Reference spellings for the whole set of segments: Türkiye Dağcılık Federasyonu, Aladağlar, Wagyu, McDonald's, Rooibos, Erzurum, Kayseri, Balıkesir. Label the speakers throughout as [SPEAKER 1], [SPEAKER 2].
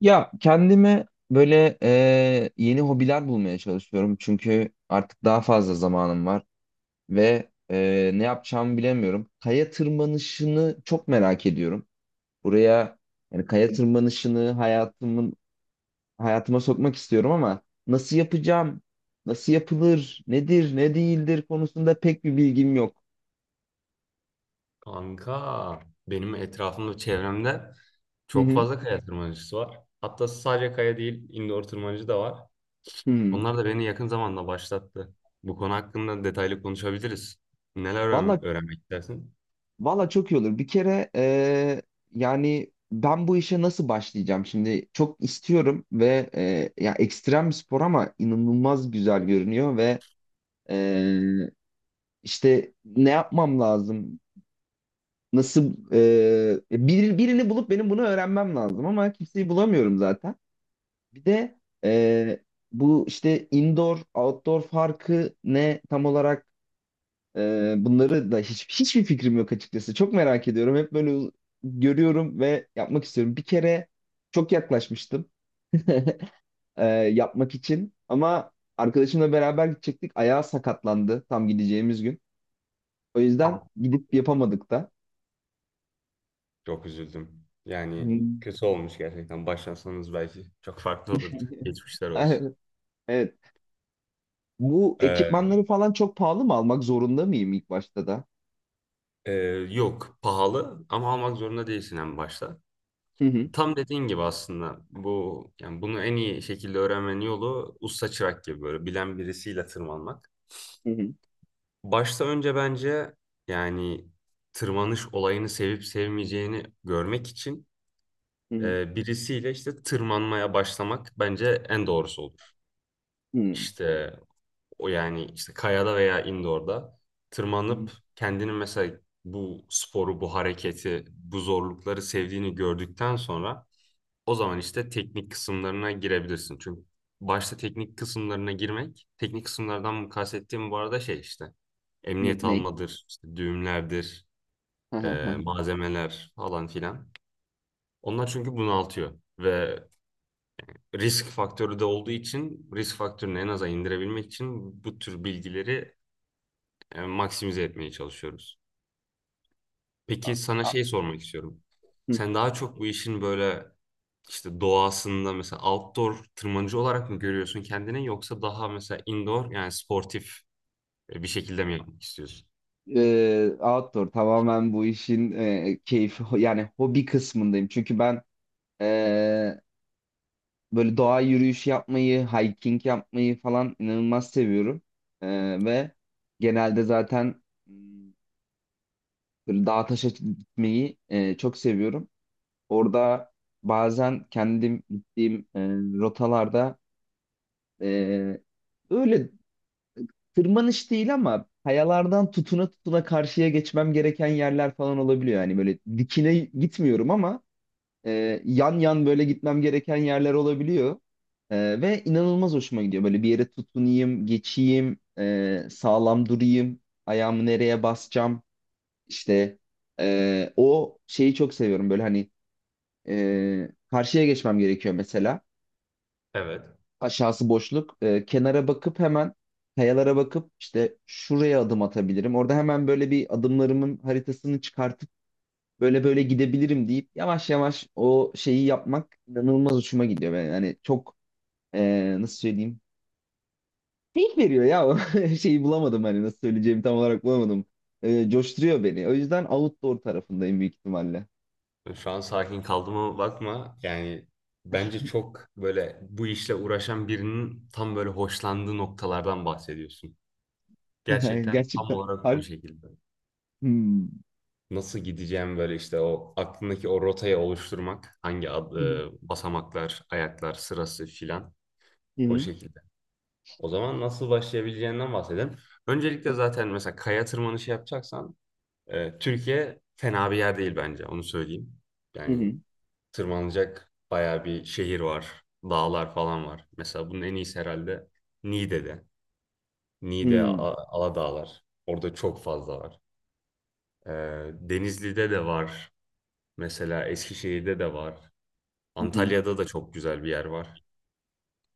[SPEAKER 1] Ya kendime böyle yeni hobiler bulmaya çalışıyorum. Çünkü artık daha fazla zamanım var ve ne yapacağımı bilemiyorum. Kaya tırmanışını çok merak ediyorum. Buraya yani kaya tırmanışını hayatıma sokmak istiyorum ama nasıl yapacağım? Nasıl yapılır? Nedir, ne değildir konusunda pek bir bilgim yok.
[SPEAKER 2] Kanka benim etrafımda çevremde
[SPEAKER 1] Hı
[SPEAKER 2] çok
[SPEAKER 1] hı.
[SPEAKER 2] fazla kaya tırmanıcısı var. Hatta sadece kaya değil indoor tırmanıcı da var.
[SPEAKER 1] Hı hı.
[SPEAKER 2] Onlar da beni yakın zamanda başlattı. Bu konu hakkında detaylı konuşabiliriz. Neler
[SPEAKER 1] Vallahi
[SPEAKER 2] öğrenmek istersin?
[SPEAKER 1] Valla çok iyi olur. Bir kere yani ben bu işe nasıl başlayacağım şimdi? Çok istiyorum ve ya ekstrem bir spor ama inanılmaz güzel görünüyor ve eee, işte ne yapmam lazım? Nasıl birini bulup benim bunu öğrenmem lazım ama kimseyi bulamıyorum zaten. Bir de eee, bu işte indoor outdoor farkı ne tam olarak. Bunları da hiçbir fikrim yok açıkçası. Çok merak ediyorum. Hep böyle görüyorum ve yapmak istiyorum. Bir kere çok yaklaşmıştım yapmak için ama arkadaşımla beraber gidecektik. Ayağı sakatlandı tam gideceğimiz gün. O yüzden
[SPEAKER 2] Aa,
[SPEAKER 1] gidip yapamadık da.
[SPEAKER 2] çok üzüldüm. Yani
[SPEAKER 1] Hmm.
[SPEAKER 2] kötü olmuş gerçekten. Başlasanız belki çok farklı olurdu. Geçmişler olsun.
[SPEAKER 1] Evet. Bu
[SPEAKER 2] Ee,
[SPEAKER 1] ekipmanları falan çok pahalı mı almak zorunda mıyım ilk başta da?
[SPEAKER 2] e, Yok pahalı ama almak zorunda değilsin en başta.
[SPEAKER 1] Hı hı,
[SPEAKER 2] Tam dediğin gibi aslında bu yani bunu en iyi şekilde öğrenmenin yolu usta çırak gibi böyle bilen birisiyle tırmanmak.
[SPEAKER 1] hı hı,
[SPEAKER 2] Başta önce bence yani tırmanış olayını sevip sevmeyeceğini görmek için
[SPEAKER 1] hı
[SPEAKER 2] birisiyle işte tırmanmaya başlamak bence en doğrusu olur.
[SPEAKER 1] hı,
[SPEAKER 2] İşte o yani işte kayada veya indoor'da
[SPEAKER 1] hı hı.
[SPEAKER 2] tırmanıp kendini mesela bu sporu, bu hareketi, bu zorlukları sevdiğini gördükten sonra o zaman işte teknik kısımlarına girebilirsin. Çünkü başta teknik kısımlarına girmek, teknik kısımlardan kastettiğim bu arada şey işte
[SPEAKER 1] Ne?
[SPEAKER 2] emniyet
[SPEAKER 1] Ne?
[SPEAKER 2] almadır, işte düğümlerdir,
[SPEAKER 1] Hı hı, hı
[SPEAKER 2] malzemeler falan filan. Onlar çünkü bunaltıyor ve risk faktörü de olduğu için risk faktörünü en aza indirebilmek için bu tür bilgileri maksimize etmeye çalışıyoruz. Peki sana
[SPEAKER 1] hı.
[SPEAKER 2] şey sormak istiyorum. Sen daha çok bu işin böyle işte doğasında mesela outdoor tırmanıcı olarak mı görüyorsun kendini, yoksa daha mesela indoor yani sportif bir şekilde mi yapmak istiyorsun?
[SPEAKER 1] Outdoor tamamen bu işin yani hobi kısmındayım. Çünkü ben e, böyle doğa yürüyüşü yapmayı, hiking yapmayı falan inanılmaz seviyorum. Ve genelde zaten böyle dağ taşa gitmeyi çok seviyorum. Orada bazen kendim gittiğim rotalarda e, öyle tırmanış değil ama kayalardan tutuna tutuna karşıya geçmem gereken yerler falan olabiliyor. Yani böyle dikine gitmiyorum ama yan yan böyle gitmem gereken yerler olabiliyor. Ve inanılmaz hoşuma gidiyor. Böyle bir yere tutunayım, geçeyim, sağlam durayım, ayağımı nereye basacağım. İşte o şeyi çok seviyorum. Böyle hani karşıya geçmem gerekiyor mesela,
[SPEAKER 2] Evet.
[SPEAKER 1] aşağısı boşluk. Kenara bakıp hemen kayalara bakıp işte şuraya adım atabilirim. Orada hemen böyle bir adımlarımın haritasını çıkartıp böyle böyle gidebilirim deyip yavaş yavaş o şeyi yapmak inanılmaz hoşuma gidiyor. Ben hani çok nasıl söyleyeyim? Keyif veriyor ya. Şeyi bulamadım, hani nasıl söyleyeceğimi tam olarak bulamadım. Coşturuyor beni. O yüzden outdoor tarafındayım büyük ihtimalle.
[SPEAKER 2] Şu an sakin kaldığıma bakma. Yani bence çok böyle bu işle uğraşan birinin tam böyle hoşlandığı noktalardan bahsediyorsun. Gerçekten tam
[SPEAKER 1] Gerçekten.
[SPEAKER 2] olarak o şekilde.
[SPEAKER 1] Hmm.
[SPEAKER 2] Nasıl gideceğim böyle işte o aklındaki o rotayı oluşturmak. Hangi ad, basamaklar, ayaklar sırası filan
[SPEAKER 1] Hı
[SPEAKER 2] o
[SPEAKER 1] hı.
[SPEAKER 2] şekilde. O zaman nasıl başlayabileceğinden bahsedelim. Öncelikle zaten mesela kaya tırmanışı yapacaksan Türkiye fena bir yer değil bence, onu söyleyeyim.
[SPEAKER 1] Hı
[SPEAKER 2] Yani
[SPEAKER 1] hı.
[SPEAKER 2] tırmanacak bayağı bir şehir var, dağlar falan var. Mesela bunun en iyisi herhalde Niğde'de.
[SPEAKER 1] Hı
[SPEAKER 2] Niğde,
[SPEAKER 1] hı.
[SPEAKER 2] Aladağlar. Orada çok fazla var. E, Denizli'de de var. Mesela Eskişehir'de de var.
[SPEAKER 1] Hı
[SPEAKER 2] Antalya'da da çok güzel bir yer var.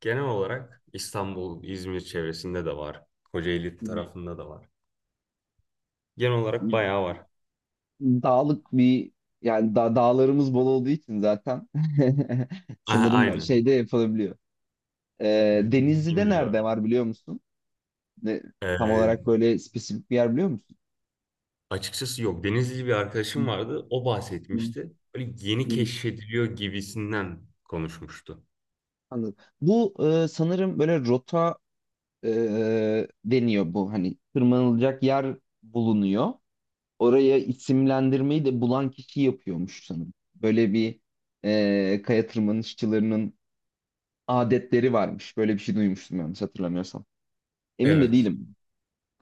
[SPEAKER 2] Genel olarak İstanbul, İzmir çevresinde de var. Kocaeli
[SPEAKER 1] hı.
[SPEAKER 2] tarafında da var. Genel
[SPEAKER 1] Hı
[SPEAKER 2] olarak
[SPEAKER 1] hı.
[SPEAKER 2] bayağı var.
[SPEAKER 1] Dağlık bir, yani da dağlarımız bol olduğu için zaten
[SPEAKER 2] Aha,
[SPEAKER 1] sanırım
[SPEAKER 2] aynen.
[SPEAKER 1] şeyde yapılabiliyor.
[SPEAKER 2] Zengin
[SPEAKER 1] Denizli'de
[SPEAKER 2] bir
[SPEAKER 1] nerede
[SPEAKER 2] coğrafya.
[SPEAKER 1] var biliyor musun? Ne, tam olarak
[SPEAKER 2] Ee,
[SPEAKER 1] böyle spesifik bir yer biliyor musun?
[SPEAKER 2] Açıkçası yok. Denizli bir
[SPEAKER 1] Hı,
[SPEAKER 2] arkadaşım vardı. O
[SPEAKER 1] hı,
[SPEAKER 2] bahsetmişti. Böyle yeni
[SPEAKER 1] hı.
[SPEAKER 2] keşfediliyor gibisinden konuşmuştu.
[SPEAKER 1] Anladım. Bu sanırım böyle rota deniyor, bu hani tırmanılacak yer bulunuyor. Oraya isimlendirmeyi de bulan kişi yapıyormuş sanırım. Böyle bir kaya tırmanışçılarının adetleri varmış. Böyle bir şey duymuştum yanlış hatırlamıyorsam. Emin de
[SPEAKER 2] Evet.
[SPEAKER 1] değilim.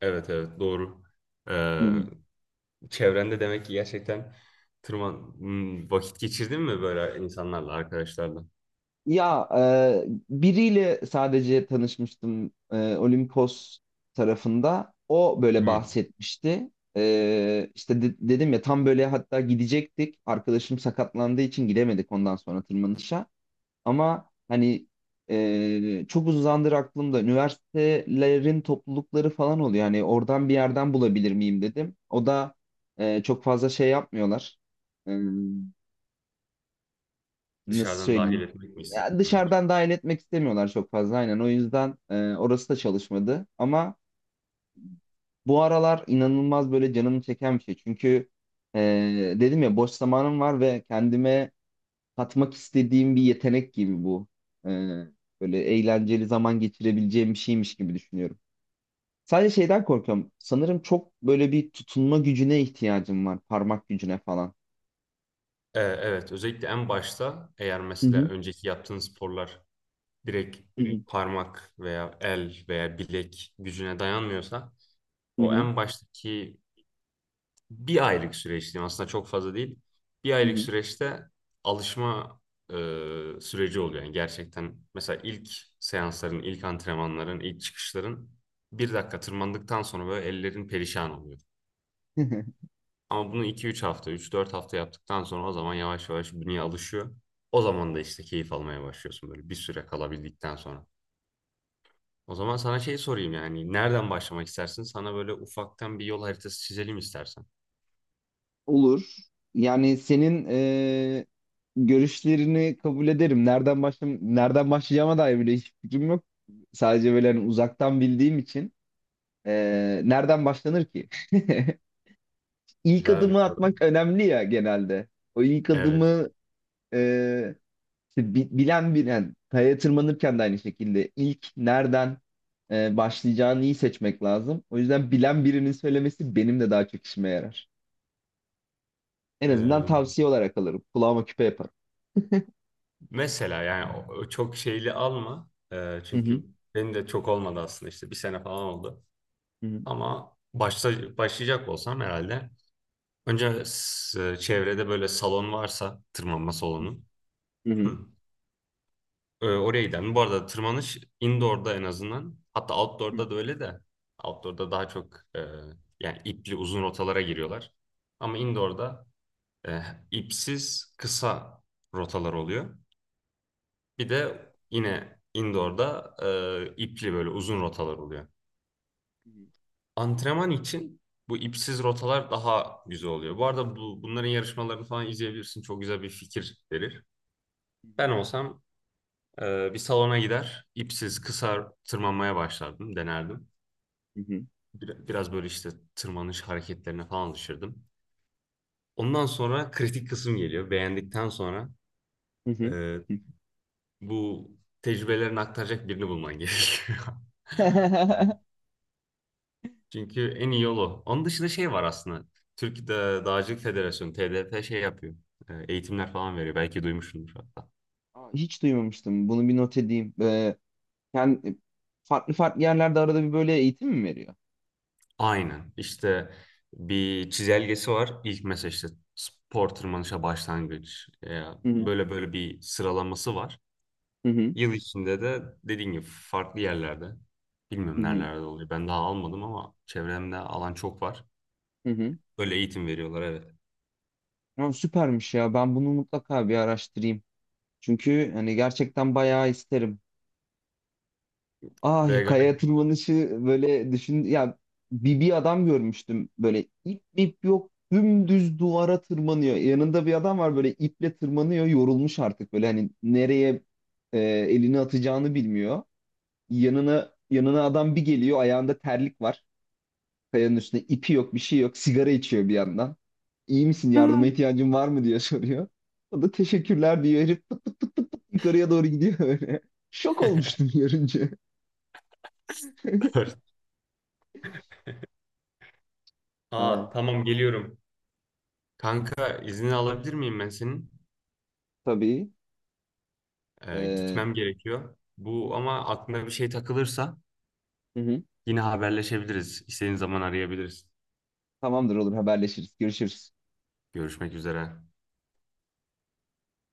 [SPEAKER 2] Evet, doğru. Ee,
[SPEAKER 1] Hmm.
[SPEAKER 2] Çevrende demek ki gerçekten tırman Hmm, vakit geçirdin mi böyle insanlarla, arkadaşlarla?
[SPEAKER 1] Ya biriyle sadece tanışmıştım, Olimpos tarafında. O böyle
[SPEAKER 2] Hı.
[SPEAKER 1] bahsetmişti. Dedim ya tam böyle, hatta gidecektik. Arkadaşım sakatlandığı için gidemedik ondan sonra tırmanışa. Ama hani çok uzun zamandır aklımda üniversitelerin toplulukları falan oluyor. Hani oradan bir yerden bulabilir miyim dedim. O da çok fazla şey yapmıyorlar. Nasıl
[SPEAKER 2] Dışarıdan dahil
[SPEAKER 1] söyleyeyim,
[SPEAKER 2] etmek mi
[SPEAKER 1] ya
[SPEAKER 2] istemiyorlar?
[SPEAKER 1] dışarıdan dahil etmek istemiyorlar çok fazla, aynen, o yüzden orası da çalışmadı. Ama bu aralar inanılmaz böyle canımı çeken bir şey çünkü e, dedim ya boş zamanım var ve kendime katmak istediğim bir yetenek gibi bu. E, Böyle eğlenceli zaman geçirebileceğim bir şeymiş gibi düşünüyorum. Sadece şeyden korkuyorum sanırım, çok böyle bir tutunma gücüne ihtiyacım var, parmak gücüne falan.
[SPEAKER 2] Evet, özellikle en başta eğer
[SPEAKER 1] Hı
[SPEAKER 2] mesela
[SPEAKER 1] hı.
[SPEAKER 2] önceki yaptığın sporlar direkt
[SPEAKER 1] Hı hı.
[SPEAKER 2] parmak veya el veya bilek gücüne dayanmıyorsa
[SPEAKER 1] Hı
[SPEAKER 2] o
[SPEAKER 1] hı.
[SPEAKER 2] en baştaki bir aylık süreç diyeyim aslında çok fazla değil. Bir
[SPEAKER 1] Hı
[SPEAKER 2] aylık süreçte alışma e, süreci oluyor. Yani gerçekten mesela ilk seansların, ilk antrenmanların, ilk çıkışların bir dakika tırmandıktan sonra böyle ellerin perişan oluyor.
[SPEAKER 1] hı.
[SPEAKER 2] Ama bunu iki üç hafta, üç dört hafta yaptıktan sonra o zaman yavaş yavaş bünye alışıyor. O zaman da işte keyif almaya başlıyorsun böyle bir süre kalabildikten sonra. O zaman sana şey sorayım, yani nereden başlamak istersin? Sana böyle ufaktan bir yol haritası çizelim istersen.
[SPEAKER 1] Olur. Yani senin görüşlerini kabul ederim. Nereden başlayacağıma dair bile hiç fikrim yok. Sadece böyle hani uzaktan bildiğim için nereden başlanır ki? İlk
[SPEAKER 2] Güzel bir
[SPEAKER 1] adımı
[SPEAKER 2] soru.
[SPEAKER 1] atmak önemli ya genelde. O ilk
[SPEAKER 2] Evet.
[SPEAKER 1] adımı eee, bilen kayaya tırmanırken de aynı şekilde ilk nereden başlayacağını iyi seçmek lazım. O yüzden bilen birinin söylemesi benim de daha çok işime yarar. En azından
[SPEAKER 2] Ee,
[SPEAKER 1] tavsiye olarak alırım. Kulağıma küpe yaparım.
[SPEAKER 2] Mesela yani o çok şeyli alma.
[SPEAKER 1] Hı hı.
[SPEAKER 2] Çünkü benim de çok olmadı aslında, işte bir sene falan oldu.
[SPEAKER 1] Hı hı.
[SPEAKER 2] Ama başlayacak olsam herhalde. Önce çevrede böyle salon varsa, tırmanma salonu.
[SPEAKER 1] Hı hı.
[SPEAKER 2] Oraya giden bu arada tırmanış indoor'da en azından. Hatta outdoor'da da öyle de. Outdoor'da daha çok yani ipli uzun rotalara giriyorlar. Ama indoor'da e, ipsiz kısa rotalar oluyor. Bir de yine indoor'da ipli böyle uzun rotalar oluyor.
[SPEAKER 1] Hı hı.
[SPEAKER 2] Antrenman için bu ipsiz rotalar daha güzel oluyor. Bu arada bunların yarışmalarını falan izleyebilirsin. Çok güzel bir fikir verir. Ben olsam bir salona gider, ipsiz kısa tırmanmaya başlardım, denerdim.
[SPEAKER 1] Hı hı.
[SPEAKER 2] Biraz böyle işte tırmanış hareketlerine falan alışırdım. Ondan sonra kritik kısım geliyor. Beğendikten sonra
[SPEAKER 1] Hı hı.
[SPEAKER 2] e,
[SPEAKER 1] Hı hı.
[SPEAKER 2] bu tecrübelerini aktaracak birini bulman gerekiyor. Çünkü en iyi yolu. Onun dışında şey var aslında. Türkiye Dağcılık Federasyonu, TDF şey yapıyor. E, eğitimler falan veriyor. Belki duymuşsundur hatta.
[SPEAKER 1] Aa, hiç duymamıştım. Bunu bir not edeyim. Kend- Farklı farklı yerlerde arada bir böyle eğitim mi veriyor?
[SPEAKER 2] Aynen. İşte bir çizelgesi var. İlk mesela işte spor tırmanışa başlangıç.
[SPEAKER 1] Hı hı.
[SPEAKER 2] Böyle böyle bir sıralaması var.
[SPEAKER 1] Hı hı.
[SPEAKER 2] Yıl içinde de dediğin gibi farklı yerlerde.
[SPEAKER 1] Hı
[SPEAKER 2] Bilmiyorum
[SPEAKER 1] hı.
[SPEAKER 2] nerelerde oluyor. Ben daha almadım ama çevremde alan çok var.
[SPEAKER 1] Hı hı.
[SPEAKER 2] Böyle eğitim veriyorlar, evet.
[SPEAKER 1] Ya süpermiş ya. Ben bunu mutlaka bir araştırayım. Çünkü hani gerçekten bayağı isterim. Ay,
[SPEAKER 2] Ve gayet...
[SPEAKER 1] kaya tırmanışı böyle düşün ya, bir adam görmüştüm böyle ip yok, dümdüz duvara tırmanıyor. Yanında bir adam var böyle iple tırmanıyor, yorulmuş artık böyle, hani nereye elini atacağını bilmiyor. Yanına adam bir geliyor, ayağında terlik var, kayanın üstünde ipi yok, bir şey yok, sigara içiyor bir yandan. İyi misin, yardıma ihtiyacın var mı diye soruyor. O da teşekkürler diyor, herif pıt pıt pıt pıt pıt yukarıya doğru gidiyor böyle. Şok olmuştum görünce.
[SPEAKER 2] Dur.
[SPEAKER 1] Ay.
[SPEAKER 2] Aa tamam, geliyorum. Kanka izni alabilir miyim ben senin?
[SPEAKER 1] Tabii. Ee,
[SPEAKER 2] Gitmem gerekiyor.
[SPEAKER 1] Hı
[SPEAKER 2] Bu
[SPEAKER 1] hı.
[SPEAKER 2] ama aklına bir şey takılırsa
[SPEAKER 1] Hı hı.
[SPEAKER 2] yine haberleşebiliriz. İstediğin zaman arayabiliriz.
[SPEAKER 1] Tamamdır, olur, haberleşiriz. Görüşürüz.
[SPEAKER 2] Görüşmek üzere.